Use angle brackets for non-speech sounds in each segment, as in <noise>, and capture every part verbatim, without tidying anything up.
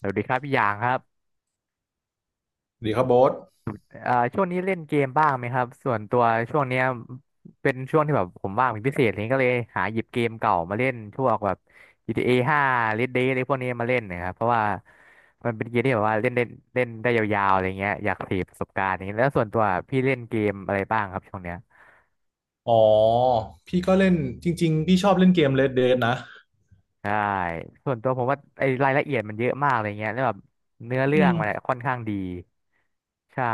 สวัสดีครับพี่หยางครับดีครับโบ๊ทเอ่อช่วงนี้เล่นเกมบ้างไหมครับส่วนตัวช่วงเนี้ยเป็นช่วงที่แบบผมว่างเป็นพิเศษอะไรเลยก็เลยหาหยิบเกมเก่ามาเล่นช่วงแบบ จี ที เอ ห้า Red Dead อะไรพวกนี้มาเล่นนะครับเพราะว่ามันเป็นเกมที่แบบว่าเล่นเล่นเล่นได้ยาวๆอะไรเงี้ยอยากเสพประสบการณ์อย่างเงี้ยแล้วส่วนตัวพี่เล่นเกมอะไรบ้างครับช่วงเนี้ยอ๋อ พี่ก็เล่นจริงๆพี่ชอบเล่นเกม Red Dead นะใช่ส่วนตัวผมว่าไอ้รายละเอียดมันเยอะมากอะไรเงี้ยแล้วแบบเนื้อเรื่อืองมมันอะค่อนข้างดีใช่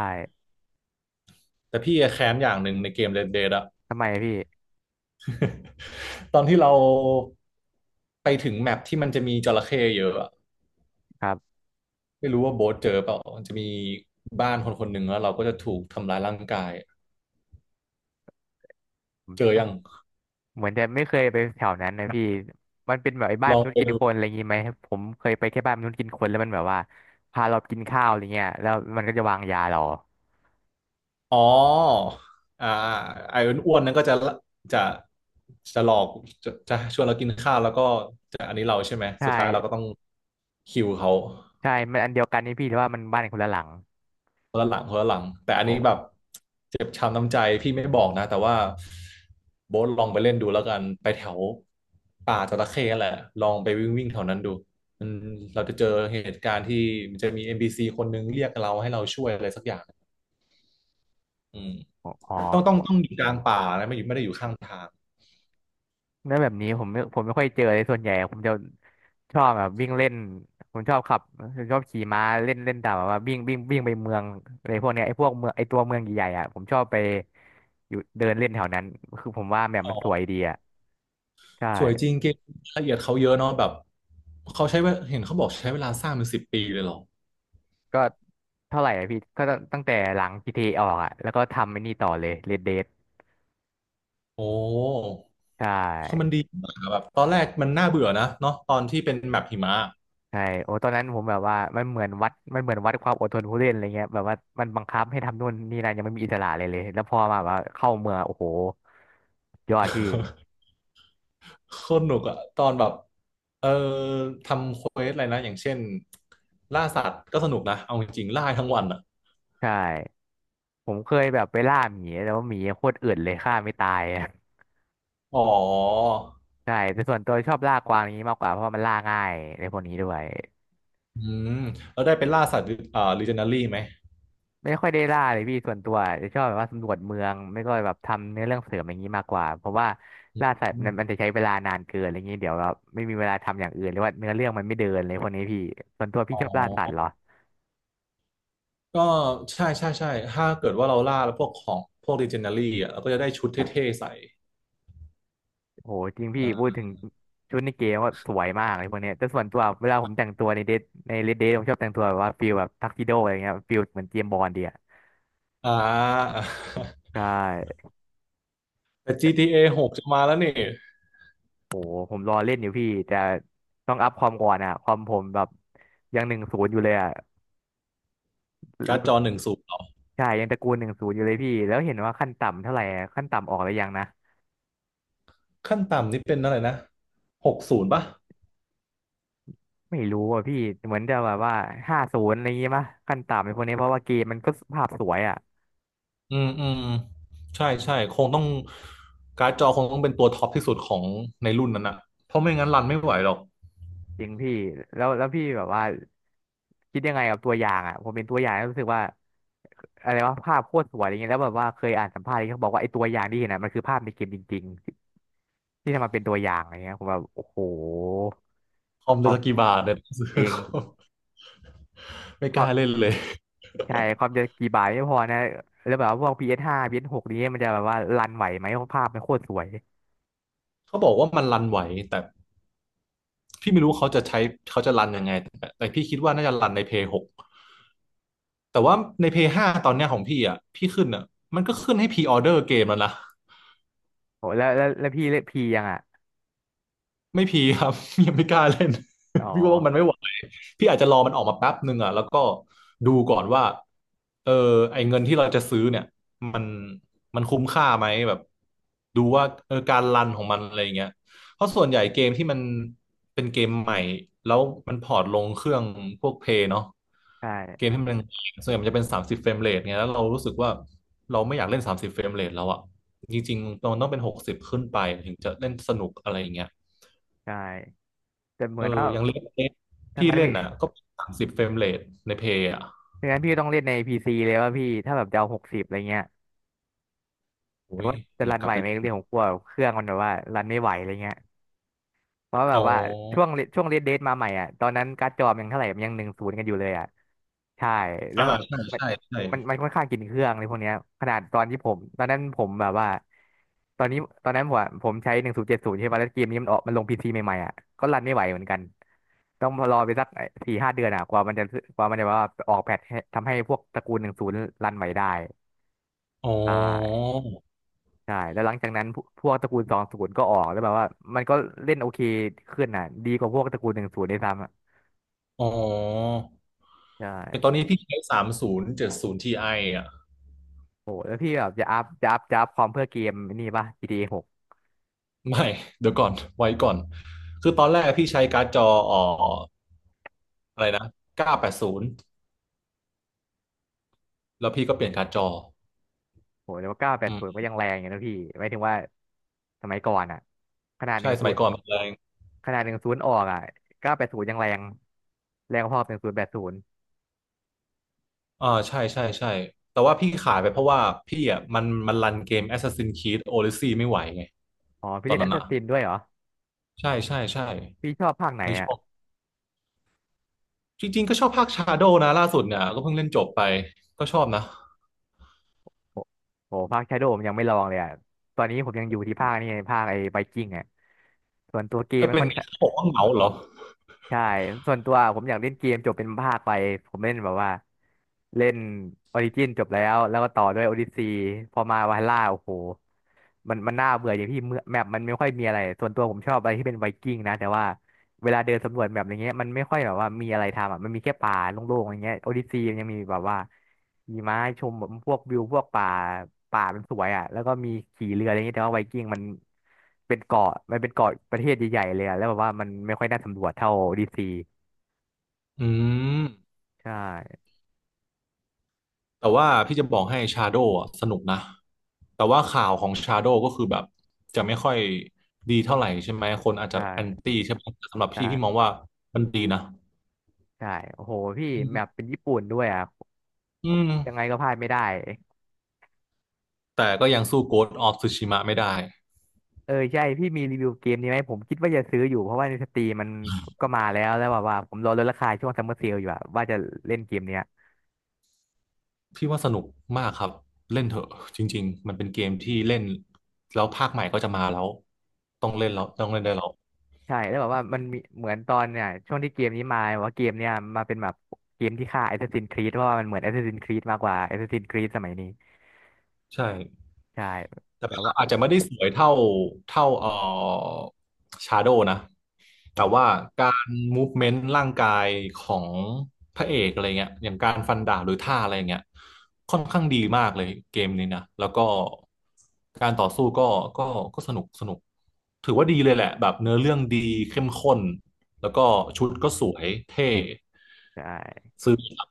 แต่พี่แค้นอย่างหนึ่งในเกม Red Dead อะ ทำไมพี่ <laughs> ตอนที่เราไปถึงแมปที่มันจะมีจระเข้เยอะอะ ครับ ไม่รู้ว่าโบ๊ทเจอเปล่ามันจะมีบ้านคนคนหนึ่งแล้วเราก็จะถูกทำร้ายร่างกาย เจอยังเหมือนจะไม่เคยไปแถวนั้นนะพี่มันเป็นแบบไอ้บ้าลนอมงนุษไปย์กินดูคนอะไรอย่างงี้ไหมผมเคยไปแค่บ้านมนุษย์กินคนแล้วมันแบบว่าพาเรากินข้าวอะไรเงี้ยแล้วมันก็จะวางยาเราอ๋ออ่าไอ้อ้วนๆนั้นก็จะจะจะหลอกจะจะชวนเรากินข้าวแล้วก็จะอันนี้เราใช่ไหม ใช่สุดท้ายเราก็ต้องคิวเขา ใช่มันอันเดียวกันนี่พี่แต่ว่ามันบ้านคนละหลังคนละหลังคนละหลังแต่อันโอ้นี้โแบบเจ็บช้ำน้ำใจพี่ไม่บอกนะแต่ว่าโบ๊ทลองไปเล่นดูแล้วกันไปแถวป่าจระเข้แหละลองไปวิ่งวิ่งแถวนั้นดูอืมเราจะเจอเหตุการณ์ที่มันจะมี n ซ c คนนึงเรียกเราให้เราช่วยอะไรสักอย่างอืมหอ๋อต้องต้องต้องอยู่กลางป่านะไม่อยู่ไม่ได้อยู่ข้างทางแล้วแบบนี้ผมไม่ผมไม่ค่อยเจอเลยส่วนใหญ่ผมจะชอบแบบวิ่งเล่นผมชอบขับผมชอบขี่ม้าเล่นเล่นตามแบบว่าวิ่งวิ่งวิ่งไปเมืองอะไรพวกเนี้ยไอ้พวกเมืองไอ้ตัวเมืองใหญ่ๆอ่ะผมชอบไปอยู่เดินเล่นแถวนั้นคือผมว่าแบบอ๋มัอนสวยดีอ่ะใช่ สวยจริงเกมละเอียดเขาเยอะเนาะแบบเขาใช้เวลาเห็นเขาบอกใช้เวลาสร้างเป็นสิบปีเลยเหรอก็เท่าไหร่อะพี่ก็ตั้งแต่หลัง g เทเอออกอะแล้วก็ทำไอ้นี่ต่อเลย Red Dead โอ้ ใชคือมัน่ดีมากอะแบบตอนแรกมันน่าเบื่อนะเนาะตอนที่เป็นแมปหิมะใช่โอ้ตอนนั้นผมแบบว่ามันเหมือนวัดมันเหมือนวัดความอดทนผู้เล่นอะไรเงี้ยแบบว่ามันบังคับให้ทำนู่นนี่นั่นยังไม่มีอิสระเลยเลยแล้วพอมาแบบว่าเข้าเมืองโอ้โหยอดพี่โคตรหนุกอะตอนแบบเออทำเควสอะไรนะอย่างเช่นล่าสัตว์ก็สนุกนะเอาจริงๆล่าทั้งวันอะใช่ผมเคยแบบไปล่าหมีแต่ว่าหมีโคตรอืดเลยฆ่าไม่ตายอะ <laughs> อ๋อใช่แต่ส่วนตัวชอบล่ากวางนี้มากกว่าเพราะว่ามันล่าง่ายในพวกนี้ด้วย อืมแล้วได้เป็นล่าสัตว์อ่าลิเจนดารี่ไหมไม่ค่อยได้ล่าเลยพี่ส่วนตัวจะชอบแบบว่าสำรวจเมืองไม่ก็แบบทำเนื้อเรื่องเสริมอย่างนี้มากกว่าเพราะว่าล่าสัตว์อืมันมันมจะใช้เวลานานเกินอะไรเงี้ยเดี๋ยวแบบไม่มีเวลาทำอย่างอื่นหรือว่าเนื้อเรื่องมันไม่เดินเลยพวกนี้พี่ส่วนตัวพี่อ๋ชอบล่าสัตว์เหรออก็ใช่ใช่ใช่ถ้าเกิดว่าเราล่าแล้วพวกของพวกลิเจนดารี่อะเราก็จะได้ชุดเท่ๆใส่โหจริงพี่อ่พูดาถึงชุดในเกมว่าสวยมากเลยพวกเนี้ยแต่ส่วนตัวเวลาผมแต่งตัวในเดทในเลดเดทผมชอบแต่งตัวแบบว่าฟิลแบบทักซิโดอะไรเงี้ยฟิลเหมือนเจมส์บอนด์เดียอ่า ใช่ <laughs> แต่ แต่ จี ที เอ หกจะมาแล้วนี่โหผมรอเล่นอยู่พี่แต่ต้องอัพความก่อนอะความผมแบบยังหนึ่งศูนย์อยู่เลยอะ การ์ดจอหนึ่งศูนย์ ใช่ยังตระกูลหนึ่งศูนย์อยู่เลยพี่แล้วเห็นว่าขั้นต่ำเท่าไหร่อะขั้นต่ำออกหรือยังนะขั้นต่ำนี่เป็นอะไรนะหกศูนย์ป่ะไม่รู้อ่ะพี่เหมือนจะแบบว่าห้าศูนย์อะไรอย่างงี้ป่ะขั้นต่ำในพวกนี้เพราะว่าเกมมันก็ภาพสวยอ่ะอืมอืมใช่ใช่ คงต้องการ์ดจอคงต้องเป็นตัวท็อปที่สุดของในรุ่นนั้นอะเพราะไม่งั้นรันไม่ไหวหรอกจริงพี่แล้วแล้วพี่แบบว่าคิดยังไงกับตัวอย่างอ่ะผมเป็นตัวอย่างแล้วรู้สึกว่าอะไรว่าภาพโคตรสวยอะไรเงี้ยแล้วแบบว่าเคยอ่านสัมภาษณ์ที่เขาบอกว่าไอ้ตัวอย่างที่เห็นอ่ะมันคือภาพในเกมจริงๆที่ทำมาเป็นตัวอย่างอะไรเงี้ยผมแบบโอ้โหคอมพจะสกกี่อบาทเนี่ยซื้อ จริง <laughs> ไม่พกอ ล้าเล่นเลย <laughs> ใช่ ความจะกี่บาทไม่พอนะ แล้วแบบว่าพวก พี เอส ห้า พี เอส หก นี้มันจะแบบว่ารันไหวไหมเพราะภาพมันโคตรสวยเขาบอกว่ามันรันไหวแต่พี่ไม่รู้เขาจะใช้เขาจะรันยังไงแต่แต่พี่คิดว่าน่าจะรันในเพย์หกแต่ว่าในเพย์ห้าตอนเนี้ยของพี่อ่ะพี่ขึ้นอ่ะมันก็ขึ้นให้พ r ีออเดอร์เกมแล้วนะ โอ้แล้วแล้วแล้วพี่เล่นพียังอ่ะ ไม่พีครับ <laughs> ยังไม่กล้าเล่น อ๋อ <laughs> พี่ว่ามันไม่ไหวพี่อาจจะรอมันออกมาแป๊บหนึ่งอ่ะแล้วก็ดูก่อนว่าเออไอเงินที่เราจะซื้อเนี่ยมันมันคุ้มค่าไหมแบบดูว่าเออการรันของมันอะไรอย่างเงี้ยเพราะส่วนใหญ่เกมที่มันเป็นเกมใหม่แล้วมันพอร์ตลงเครื่องพวกเพย์เนาะใช่เกมที่มันส่วนใหญ่มันจะเป็นสามสิบเฟรมเรทไงแล้วเรารู้สึกว่าเราไม่อยากเล่นสามสิบเฟรมเรทแล้วอ่ะจริงๆมันต้องเป็นหกสิบขึ้นไปถึงจะเล่นสนุกอะไรอย่างเงี้ย ใช่แต่เหเอมืออนว่าอย่างเลสเลสทั้งพี่นั้นเล่นพี่อ่ะก็สามสิบเฟรมเรทในเพย์อ่ะทั้งนั้นพี่ต้องเล่นใน พี ซี เลยว่าพี่ ถ้าแบบจะเอาหกสิบอะไรเงี้ย แต่โอ้ยว่าจะอยารักนกลัไหบวไปไหมเล่เรื่นองของกลัวเครื่องมันแบบว่ารันไม่ไหวอะไรเงี้ย เพราะแบอ๋อบว่าช่วงช่วงเรดเดทมาใหม่อ่ะตอนนั้นการ์ดจอมันยังเท่าไหร่มันยังหนึ่งศูนย์กันอยู่เลยอ่ะใช่แล้วอ่าแบบใช่ใช่ใช่มันมันมันค่อนข้างกินเครื่องในพวกเนี้ยขนาดตอนที่ผมตอนนั้นผมแบบว่าตอนนี้ตอนนั้นผมอะผมใช้หนึ่งศูนย์เจ็ดศูนย์ใช่ป่ะแล้วเกมนี้มันออกมันลงพีซีใหม่ๆอ่ะก็รันไม่ไหวเหมือนกันต้องรอไปสักสี่ห้าเดือนอ่ะกว่ามันจะกว่ามันจะว่าออกแพทช์ให้ทำให้พวกตระกูลหนึ่งศูนย์รันไหวได้อ๋อ อ่า ใช่แล้วหลังจากนั้นพวพวกตระกูลสองศูนย์ก็ออกแล้วแบบว่ามันก็เล่นโอเคขึ้นน่ะดีกว่าพวกตระกูลหนึ่งศูนย์ด้วยซ้ำอ่ะอ๋อใชแต่ตอ่นนี้พี่ใช้สามศูนย์เจ็ดศูนย์ทีไออ่ะ โหแล้วพี่แบบจะอัพจะอัพจะอัพความเพื่อเกมนี่ป่ะ จี ที เอ หกไม่ เดี๋ยวก่อน ไว้ก่อน คือตอนแรกพี่ใช้การ์ดจออ่ออะไรนะเก้าแปดศูนย์แล้วพี่ก็เปลี่ยนการ์ดจอโหแล้วเก้าแปอืดศูมนย์ก็ยังแรงอยู่นะพี่หมายถึงว่าสมัยก่อนอ่ะขนาดหใช่ นึ่งสศูมันยย์ก่อนมันเลย ขนาดหนึ่งศูนย์ออกอ่ะเก้าแปดศูนย์ยังแรงแรงพอหนึ่งศูนย์แปดศูนย์อ่าใช่ใช่ใช่แต่ว่าพี่ขายไปเพราะว่าพี่อ่ะมันมันรันเกม Assassin's Creed Odyssey ไม่ไหวไงอ๋อพี่ตอเล่นนแอนั้สนซัอ่ะสซินด้วยเหรอใช่ใช่ใช่พี่ชอบภาคไหนในอ่ะ ช่วงจริงๆก็ชอบภาค Shadow นะล่าสุดเนี่ยก็เพิ่งเล่นจบไปก็ชอบนะโอ้โหภาคชาโดผมยังไม่ลองเลยอ่ะ ตอนนี้ผมยังอยู่ที่ภาคนี่ไงภาคไอ้ไวกิ้งอ่ะส่วนตัวเกมเออโมันเป็ค่นอนไงนข้าเขาบงอกว่าเหงาเหรอใช่ ส่วนตัวผมอยากเล่นเกมจบเป็นภาคไปผมเล่นแบบว่าเล่นออริจินจบแล้วแล้วก็ต่อด้วยโอดิซีพอมาวาล่าโอ้โหมันมันน่าเบื่ออย่างที่เมื่อแมปมันไม่ค่อยมีอะไรส่วนตัวผมชอบอะไรที่เป็นไวกิ้งนะแต่ว่า เวลาเดินสำรวจแบบอย่างเงี้ยมันไม่ค่อยแบบว่ามีอะไรทำอ่ะมันมีแค่ป่าโล่งๆอย่างเงี้ยโอดิซีมันยังมีแบบว่ามีไม้ชมแบบพวกวิวพวกป่าป่ามันสวยอ่ะแล้วก็มีขี่เรืออะไรเงี้ยแต่ว่าไวกิ้งมันเป็นเกาะมันเป็นเกาะประเทศใหญ่ๆเลยอ่ะแล้วแบบว่ามันไม่ค่อยน่าสำรวจเท่าโอดิซีอืมใช่แต่ว่าพี่จะบอกให้ Shadow อ่ะสนุกนะแต่ว่าข่าวของ Shadow ก็คือแบบจะไม่ค่อยดีเท่าไหร่ใช่ไหมคนอาจจะแอนใช่ตี้ใช่ไหมแต่สำหรับพี่พี่มอใช่งว่ามันดีนะใช่โอ้โหพี่แบบเป็นญี่ปุ่นด้วยอ่ะอืม ยังไงก็พลาดไม่ได้ แต่ก็ยังสู้ Ghost of Tsushima ไม่ได้ เออใช่พี่มีรีวิวเกมนี้ไหมผมคิดว่าจะซื้ออยู่เพราะว่าในสตรีมมันก็มาแล้วแล้วแบบว่าผมรอลดราคาช่วงซัมเมอร์เซลอยู่อะว่าจะเล่นเกมเนี้ยพี่ว่าสนุกมากครับเล่นเถอะจริงๆมันเป็นเกมที่เล่นแล้วภาคใหม่ก็จะมาแล้วต้องเล่นแล้วต้องเล่นได้แล้วใช่แล้วแบบว่ามันมีเหมือนตอนเนี่ยช่วงที่เกมนี้มาว่าเกมเนี่ยมาเป็นแบบเกมที่ฆ่า Assassin's Creed เพราะว่ามันเหมือน Assassin's Creed มากกว่า Assassin's Creed สมัยนี้ใช่ใช่แต่แบบภาพว่าอาจจะไม่ได้สวยเท่าเท่าเอ่อ Shadow นะ แต่ว่าโอ้การมูฟเมนต์ร่างกายของพระเอกอะไรเงี้ยอย่างการฟันดาบหรือท่าอะไรเงี้ยค่อนข้างดีมากเลยเกมนี้นะแล้วก็การต่อสู้ก็ก็ก็สนุกสนุกถือว่าดีเลยแหละแบบเนื้อเรื่องดีเข้มข้นแล้วก็ชุดก็สวยเท่ใช่ซื้อครับ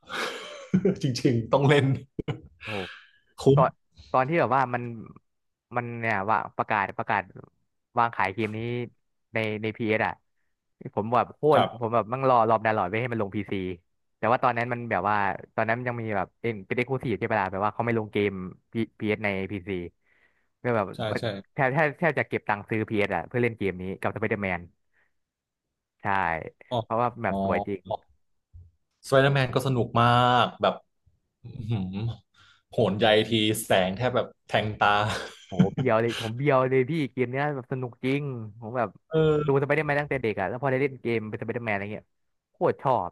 <laughs> จริงๆต้องเล่นโอ้ ตคุ้มอนตอนที่แบบว่ามันมันเนี่ยว่าประกาศประกาศวางขายเกมนี้ในในพีเอสอ่ะผมแบบโคคตรรัผมบแบบมั่งรอรอบดาวน์โหลดไว้ให้มันลงพีซีแต่ว่าตอนนั้นมันแบบว่าตอนนั้นมันยังมีแบบเป็นเป็นเอ็กซ์คลูซีฟใช่ปะล่ะแบบว่าเขาไม่ลงเกมพีเอสในพีซีก็แบบใช่ว่าใช่แทบแทบแทบจะเก็บตังค์ซื้อพีเอสอ่ะเพื่อเล่นเกมนี้กับสไปเดอร์แมนใช่อ๋อเพราะว่าแบบอ๋สวยจริง อสไปเดอร์แมนก็สนุกมากแบบ อื้อหือโหนใยทีแสงแทบแบบแทงตาโหเบียวเลยผมเบียวเลยพี่เกมเนี้ยแบบสนุกจริงผมแบบเอดูอสไปเดอร์แมนตั้งแต่เด็กอะแล้วพอได้เล่นเกมเป็นสไปเดอร์แมนอะไรเงี้ยโคตรชอบ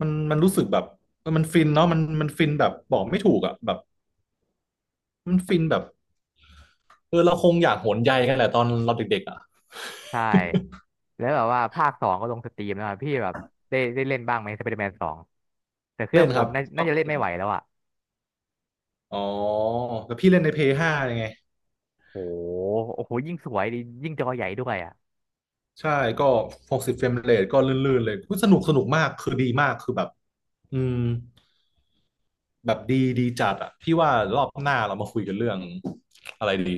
มันมันรู้สึกแบบเออมันฟินเนาะมันมันฟินแบบบอกไม่ถูกอ่ะแบบมันฟินแบบเออเราคงอยากโหนใยกันแหละตอนเราเด็กๆอ่ะใช่แล้วแบบว่าภาคสองก็ลงสตรีมแล้วอะพี่แบบได้ได้เล่นบ้างไหมสไปเดอร์แมนสองแต่เครื่อเล่งนผครัมบน่าน่าจะเล่นไม่ไหวแล้วอะอ๋อแล้วพี่เล่นในเพ a y ห้ายังไงโหโอ้โหยิ่งสวยดิยิ่งจอใหญ่ด้วยอะ ใช่ก็หกสิบเฟรมเรทก็ลื่นๆเลยอุ๊ยสนุกสนุกมากคือดีมากคือแบบอืมแบบดีดีจัดอ่ะพี่ว่ารอบหน้าเรามาคุยกันเรื่องอะไรดี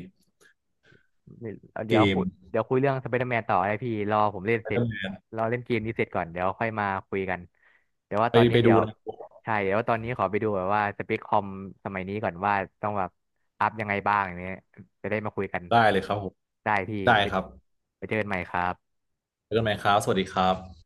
ไม่เกเดี๋ยวคุม ยเดี๋ยวคุยเรื่องสไปเดอร์แมนต่อนะพี่รอผมเล่นเสร็จ Spider-Man รอเล่นเกมนี้เสร็จก่อนเดี๋ยวค่อยมาคุยกันเดี๋ยวว่าไปตอนนี้ไปดูเดี๋ยวนะใช่เดี๋ยวว่าตอนนี้ขอไปดูแบบว่าสเปคคอมสมัยนี้ก่อนว่าต้องแบบอัพยังไงบ้างอย่างเงี้ยจะได้มาคุยกันได้เลยครับผม ได้พี่ได้ไปครับไปเจอกันใหม่ครับเจอกันใหม่ครับ สวัสดีครับ